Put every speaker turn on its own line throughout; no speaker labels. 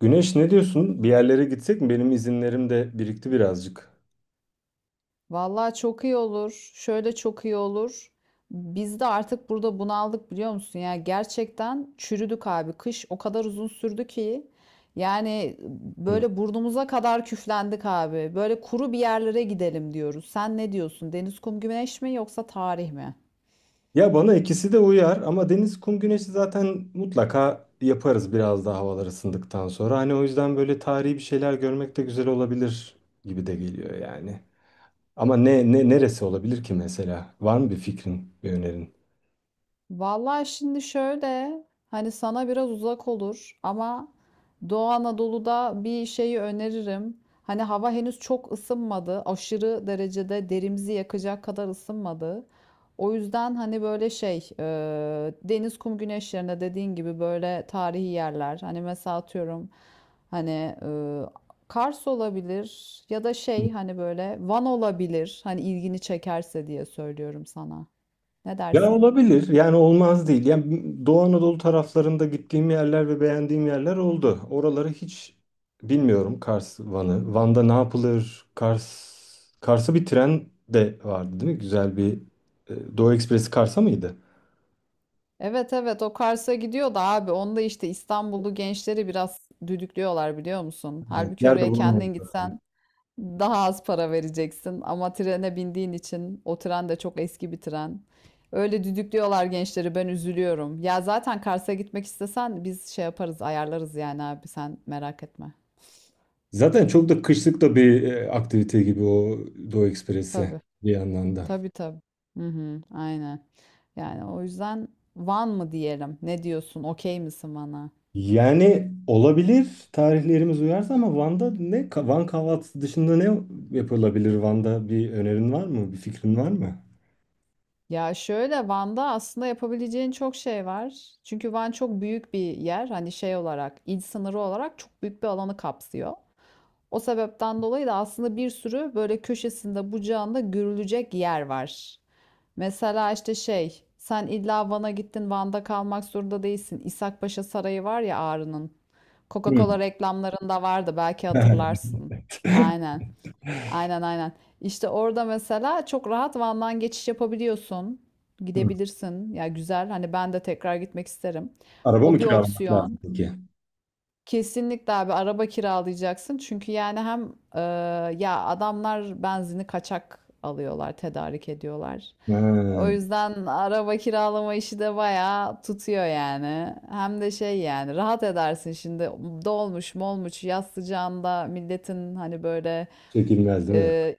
Güneş ne diyorsun? Bir yerlere gitsek mi? Benim izinlerim de birikti birazcık.
Vallahi çok iyi olur. Şöyle çok iyi olur. Biz de artık burada bunaldık biliyor musun? Ya gerçekten çürüdük abi. Kış o kadar uzun sürdü ki yani
Hı.
böyle burnumuza kadar küflendik abi. Böyle kuru bir yerlere gidelim diyoruz. Sen ne diyorsun? Deniz, kum, güneş mi yoksa tarih mi?
Ya bana ikisi de uyar ama deniz, kum, güneşi zaten mutlaka yaparız biraz daha havalar ısındıktan sonra. Hani o yüzden böyle tarihi bir şeyler görmek de güzel olabilir gibi de geliyor yani. Ama ne neresi olabilir ki mesela? Var mı bir fikrin, bir önerin?
Vallahi şimdi şöyle hani sana biraz uzak olur ama Doğu Anadolu'da bir şeyi öneririm. Hani hava henüz çok ısınmadı. Aşırı derecede derimizi yakacak kadar ısınmadı. O yüzden hani böyle şey deniz kum güneş yerine dediğin gibi böyle tarihi yerler. Hani mesela atıyorum hani Kars olabilir ya da şey hani böyle Van olabilir. Hani ilgini çekerse diye söylüyorum sana. Ne
Ya
dersin?
olabilir. Yani olmaz değil. Yani Doğu Anadolu taraflarında gittiğim yerler ve beğendiğim yerler oldu. Oraları hiç bilmiyorum Kars, Van'ı. Van'da ne yapılır? Kars'a bir tren de vardı değil mi? Güzel bir Doğu Ekspresi Kars'a mıydı?
Evet evet o Kars'a gidiyor da abi onda işte İstanbullu gençleri biraz düdüklüyorlar biliyor musun?
Evet.
Halbuki
Yer de
oraya
bulamadım
kendin
zaten.
gitsen daha az para vereceksin ama trene bindiğin için o tren de çok eski bir tren. Öyle düdüklüyorlar gençleri ben üzülüyorum. Ya zaten Kars'a gitmek istesen biz şey yaparız ayarlarız yani abi sen merak etme.
Zaten çok da kışlık da bir aktivite gibi o Doğu Ekspresi
Tabii
bir yandan da.
tabii tabii. Hı hı, aynen. Yani o yüzden Van mı diyelim? Ne diyorsun? Okey misin bana?
Yani olabilir tarihlerimiz uyarsa ama Van'da ne Van kahvaltısı dışında ne yapılabilir Van'da bir önerin var mı? Bir fikrin var mı?
Ya şöyle Van'da aslında yapabileceğin çok şey var. Çünkü Van çok büyük bir yer. Hani şey olarak, il sınırı olarak çok büyük bir alanı kapsıyor. O sebepten dolayı da aslında bir sürü böyle köşesinde, bucağında görülecek yer var. Mesela işte şey, sen illa Van'a gittin, Van'da kalmak zorunda değilsin. İshakpaşa Sarayı var ya Ağrı'nın. Coca-Cola
Hmm.
reklamlarında vardı belki hatırlarsın. Aynen. Aynen aynen. İşte orada mesela çok rahat Van'dan geçiş yapabiliyorsun.
Hmm.
Gidebilirsin. Ya güzel. Hani ben de tekrar gitmek isterim.
Araba mı
O bir
kiralamak lazım
opsiyon.
peki?
Kesinlikle abi araba kiralayacaksın. Çünkü yani hem ya adamlar benzini kaçak alıyorlar, tedarik ediyorlar. O
Ha,
yüzden araba kiralama işi de bayağı tutuyor yani. Hem de şey yani rahat edersin şimdi dolmuş molmuş yaz sıcağında milletin hani böyle
çekilmez değil mi?
ee,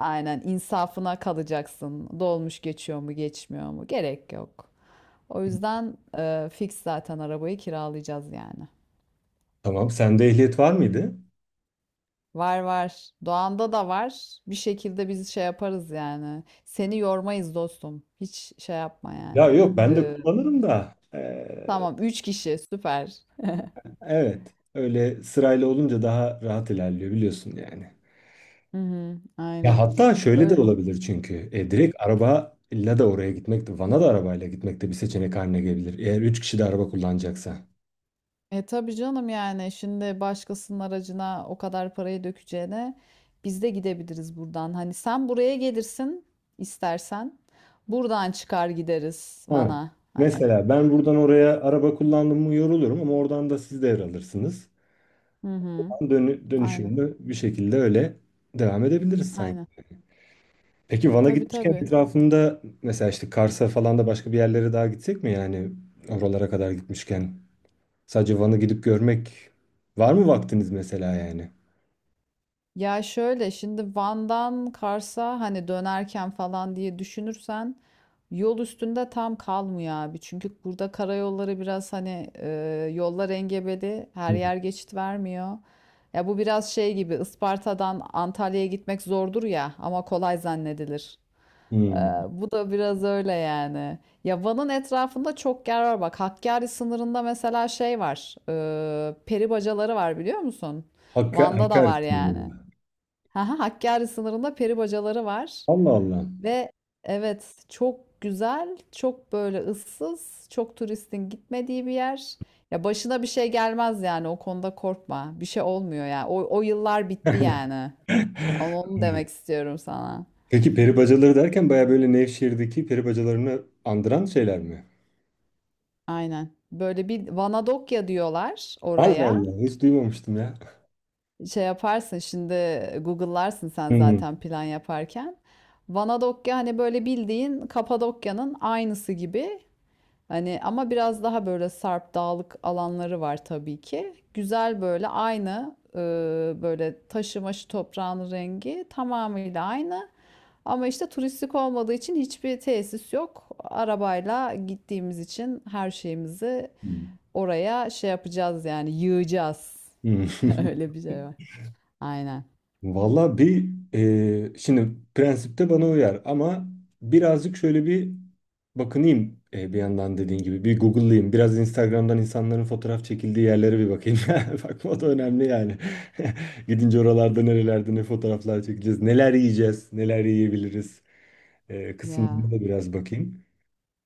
aynen insafına kalacaksın. Dolmuş geçiyor mu geçmiyor mu? Gerek yok. O yüzden fix zaten arabayı kiralayacağız yani.
Tamam. Sende ehliyet var mıydı?
Var var. Doğan'da da var. Bir şekilde biz şey yaparız yani. Seni yormayız dostum. Hiç şey yapma
Ya
yani.
yok ben de
Ee,
kullanırım da.
tamam 3 kişi süper.
Evet. Öyle sırayla olunca daha rahat ilerliyor biliyorsun yani.
Hı hı,
Ya
aynen.
hatta şöyle de
Öyle.
olabilir çünkü.
Hı
E,
hı.
direkt arabayla da oraya gitmek de, Van'a da arabayla gitmek de bir seçenek haline gelebilir. Eğer üç kişi de araba kullanacaksa.
E tabii canım yani şimdi başkasının aracına o kadar parayı dökeceğine biz de gidebiliriz buradan. Hani sen buraya gelirsin istersen. Buradan çıkar gideriz
Ha.
Van'a. Hani.
Mesela ben buradan oraya araba kullandım mı yorulurum ama oradan da siz devralırsınız.
Hı hı.
Ben Dönü
Aynen.
Dönüşümlü bir şekilde öyle devam edebiliriz sanki.
Aynen.
Peki Van'a
Tabii
gitmişken
tabii.
etrafında mesela işte Kars'a falan da başka bir yerlere daha gitsek mi yani oralara kadar gitmişken? Sadece Van'ı gidip görmek var mı vaktiniz mesela yani?
Ya şöyle şimdi Van'dan Kars'a hani dönerken falan diye düşünürsen yol üstünde tam kalmıyor abi. Çünkü burada karayolları biraz hani yollar engebeli her
Hı.
yer geçit vermiyor. Ya bu biraz şey gibi Isparta'dan Antalya'ya gitmek zordur ya ama kolay zannedilir. E,
Hmm.
bu da biraz öyle yani. Ya Van'ın etrafında çok yer var bak Hakkari sınırında mesela şey var peri bacaları var biliyor musun? Van'da da
Hakkari
var
sınırı.
yani. Haha, Hakkari sınırında peri bacaları var
Allah Allah.
ve evet çok güzel, çok böyle ıssız, çok turistin gitmediği bir yer. Ya başına bir şey gelmez yani o konuda korkma. Bir şey olmuyor ya. O yıllar bitti yani. Ama onu demek istiyorum sana.
Peki peri bacaları derken baya böyle Nevşehir'deki peri bacalarını andıran şeyler mi?
Aynen. Böyle bir Vanadokya diyorlar
Allah
oraya.
Allah hiç duymamıştım ya.
Şey yaparsın şimdi Google'larsın sen
Hmm.
zaten plan yaparken. Vanadokya hani böyle bildiğin Kapadokya'nın aynısı gibi. Hani ama biraz daha böyle sarp dağlık alanları var tabii ki. Güzel böyle aynı böyle taşı maşı toprağın rengi tamamıyla aynı. Ama işte turistik olmadığı için hiçbir tesis yok. Arabayla gittiğimiz için her şeyimizi oraya şey yapacağız yani yığacağız.
Hmm.
Öyle bir şey var. Aynen.
Valla bir şimdi prensipte bana uyar ama birazcık şöyle bir bakınayım bir yandan dediğin gibi bir Google'layayım. Biraz Instagram'dan insanların fotoğraf çekildiği yerlere bir bakayım. Bakma o da önemli yani. Gidince oralarda nerelerde ne fotoğraflar çekeceğiz, neler yiyeceğiz, neler yiyebiliriz
Ya.
kısımlarına da biraz bakayım.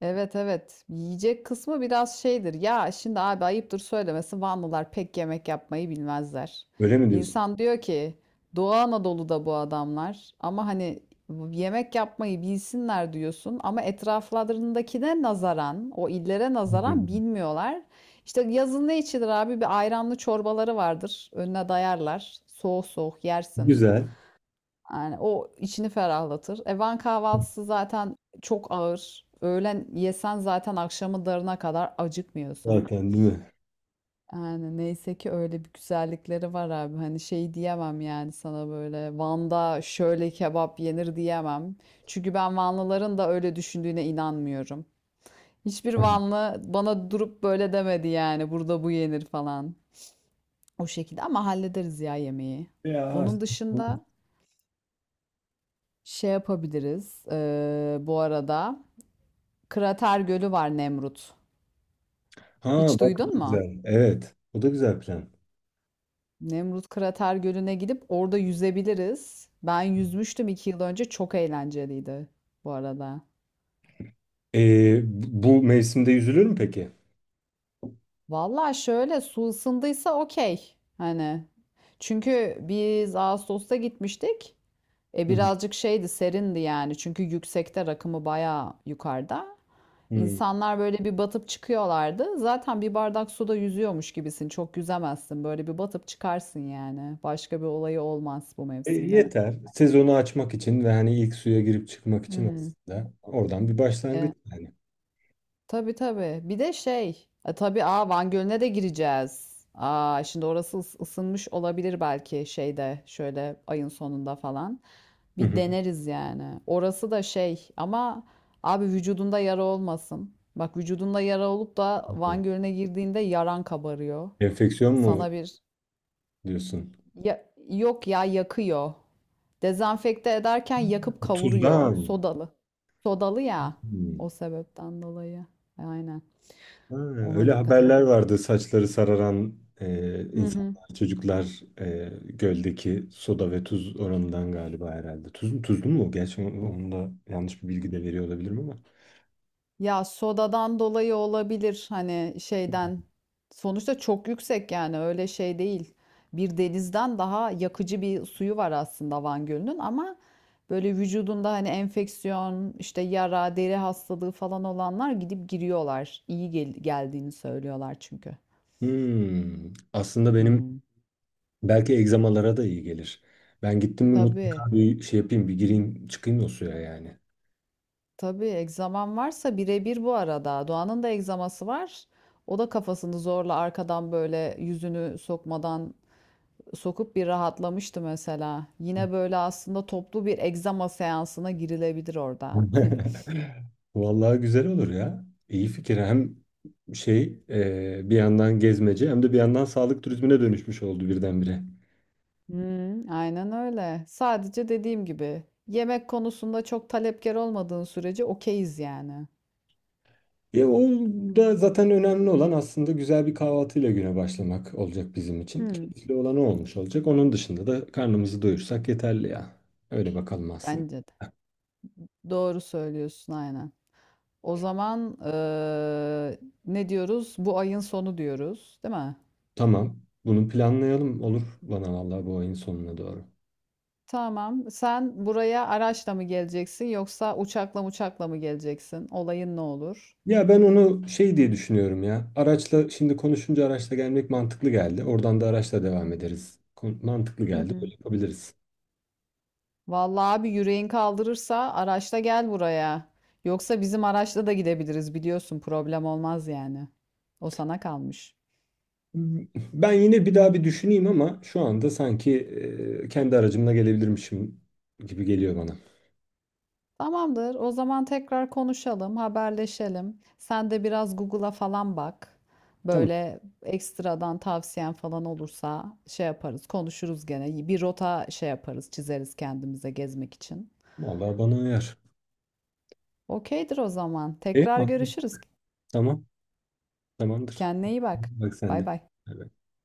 Evet evet. Yiyecek kısmı biraz şeydir. Ya şimdi abi ayıptır söylemesi Vanlılar pek yemek yapmayı bilmezler.
Öyle mi diyorsun?
İnsan diyor ki Doğu Anadolu'da bu adamlar ama hani yemek yapmayı bilsinler diyorsun ama etraflarındakine nazaran o illere nazaran
Hmm.
bilmiyorlar. İşte yazın ne içilir abi? Bir ayranlı çorbaları vardır. Önüne dayarlar. Soğuk soğuk yersin.
Güzel
Yani o içini ferahlatır. E, Van kahvaltısı zaten çok ağır. Öğlen yesen zaten akşamı darına kadar acıkmıyorsun.
zaten değil mi?
Yani neyse ki öyle bir güzellikleri var abi. Hani şey diyemem yani sana böyle Van'da şöyle kebap yenir diyemem. Çünkü ben Vanlıların da öyle düşündüğüne inanmıyorum. Hiçbir
Hı hı.
Vanlı bana durup böyle demedi yani burada bu yenir falan. O şekilde ama hallederiz ya yemeği.
Ya.
Onun dışında şey yapabiliriz bu arada. Krater Gölü var Nemrut.
Ha
Hiç
bak o
duydun
da
mu?
güzel. Evet. O da güzel plan.
Nemrut Krater Gölü'ne gidip orada yüzebiliriz. Ben yüzmüştüm 2 yıl önce. Çok eğlenceliydi bu arada.
Bu mevsimde yüzülür mü peki?
Valla şöyle su ısındıysa okey. Hani çünkü biz Ağustos'ta gitmiştik. E
Hı hı.
birazcık şeydi serindi yani. Çünkü yüksekte rakımı bayağı yukarıda.
Hmm.
İnsanlar böyle bir batıp çıkıyorlardı. Zaten bir bardak suda yüzüyormuş gibisin. Çok yüzemezsin. Böyle bir batıp çıkarsın yani. Başka bir olayı olmaz bu
E,
mevsimde.
yeter. Sezonu açmak için ve hani ilk suya girip çıkmak için
Hmm.
aslında oradan bir başlangıç
E,
yani.
tabii tabii. Bir de şey. E, tabii aa Van Gölü'ne de gireceğiz. Aa şimdi orası ısınmış olabilir belki şeyde şöyle ayın sonunda falan.
Hı
Bir
hı.
deneriz yani. Orası da şey ama abi vücudunda yara olmasın. Bak vücudunda yara olup da Van Gölü'ne girdiğinde yaran kabarıyor.
Enfeksiyon mu
Sana bir
diyorsun?
ya, yok ya yakıyor. Dezenfekte ederken yakıp
Tuzdan.
kavuruyor. Sodalı. Sodalı ya.
Hmm.
O sebepten dolayı. Aynen.
Ha,
Ona
öyle
dikkat
haberler
etmek.
vardı saçları sararan
Hı hı.
insanlar, çocuklar göldeki soda ve tuz oranından galiba herhalde. Tuz, tuzlu mu? Gerçi onu da yanlış bir bilgi de veriyor olabilirim ama.
Ya sodadan dolayı olabilir hani şeyden. Sonuçta çok yüksek yani öyle şey değil. Bir denizden daha yakıcı bir suyu var aslında Van Gölü'nün ama böyle vücudunda hani enfeksiyon, işte yara, deri hastalığı falan olanlar gidip giriyorlar. İyi geldiğini söylüyorlar çünkü.
Hmm. Aslında
Hı
benim
hı.
belki egzamalara da iyi gelir. Ben gittim mi
Tabii,
mutlaka bir şey yapayım, bir gireyim, çıkayım o suya yani.
tabii egzaman varsa birebir bu arada. Doğan'ın da egzaması var. O da kafasını zorla arkadan böyle yüzünü sokmadan sokup bir rahatlamıştı mesela. Yine böyle aslında toplu bir egzama seansına girilebilir orada.
Vallahi güzel olur ya. İyi fikir. Hem şey bir yandan gezmece hem de bir yandan sağlık turizmine dönüşmüş oldu birdenbire.
Hmm, aynen öyle. Sadece dediğim gibi yemek konusunda çok talepkar olmadığın sürece okeyiz yani.
Ya o da zaten önemli olan aslında güzel bir kahvaltıyla güne başlamak olacak bizim için.
Hmm,
Keyifli olan o olmuş olacak. Onun dışında da karnımızı doyursak yeterli ya. Öyle bakalım aslında.
bence de. Doğru söylüyorsun aynen. O zaman ne diyoruz? Bu ayın sonu diyoruz, değil mi?
Tamam. Bunu planlayalım. Olur bana vallahi bu ayın sonuna doğru.
Tamam. Sen buraya araçla mı geleceksin yoksa uçakla mı geleceksin? Olayın ne olur?
Ya ben onu şey diye düşünüyorum ya. Araçla şimdi konuşunca araçla gelmek mantıklı geldi. Oradan da araçla devam ederiz. Mantıklı
Hı
geldi. Böyle
hı.
yapabiliriz.
Vallahi abi yüreğin kaldırırsa araçla gel buraya. Yoksa bizim araçla da gidebiliriz biliyorsun problem olmaz yani. O sana kalmış.
Ben yine bir daha bir düşüneyim ama şu anda sanki kendi aracımla gelebilirmişim gibi geliyor bana.
Tamamdır. O zaman tekrar konuşalım, haberleşelim. Sen de biraz Google'a falan bak.
Tamam.
Böyle ekstradan tavsiyen falan olursa şey yaparız, konuşuruz gene. Bir rota şey yaparız, çizeriz kendimize gezmek için.
Vallahi bana uyar.
Okeydir o zaman.
E,
Tekrar
anlaştık.
görüşürüz.
Tamam. Tamamdır.
Kendine iyi bak.
Bak sen
Bay
de.
bay.
Bay bay.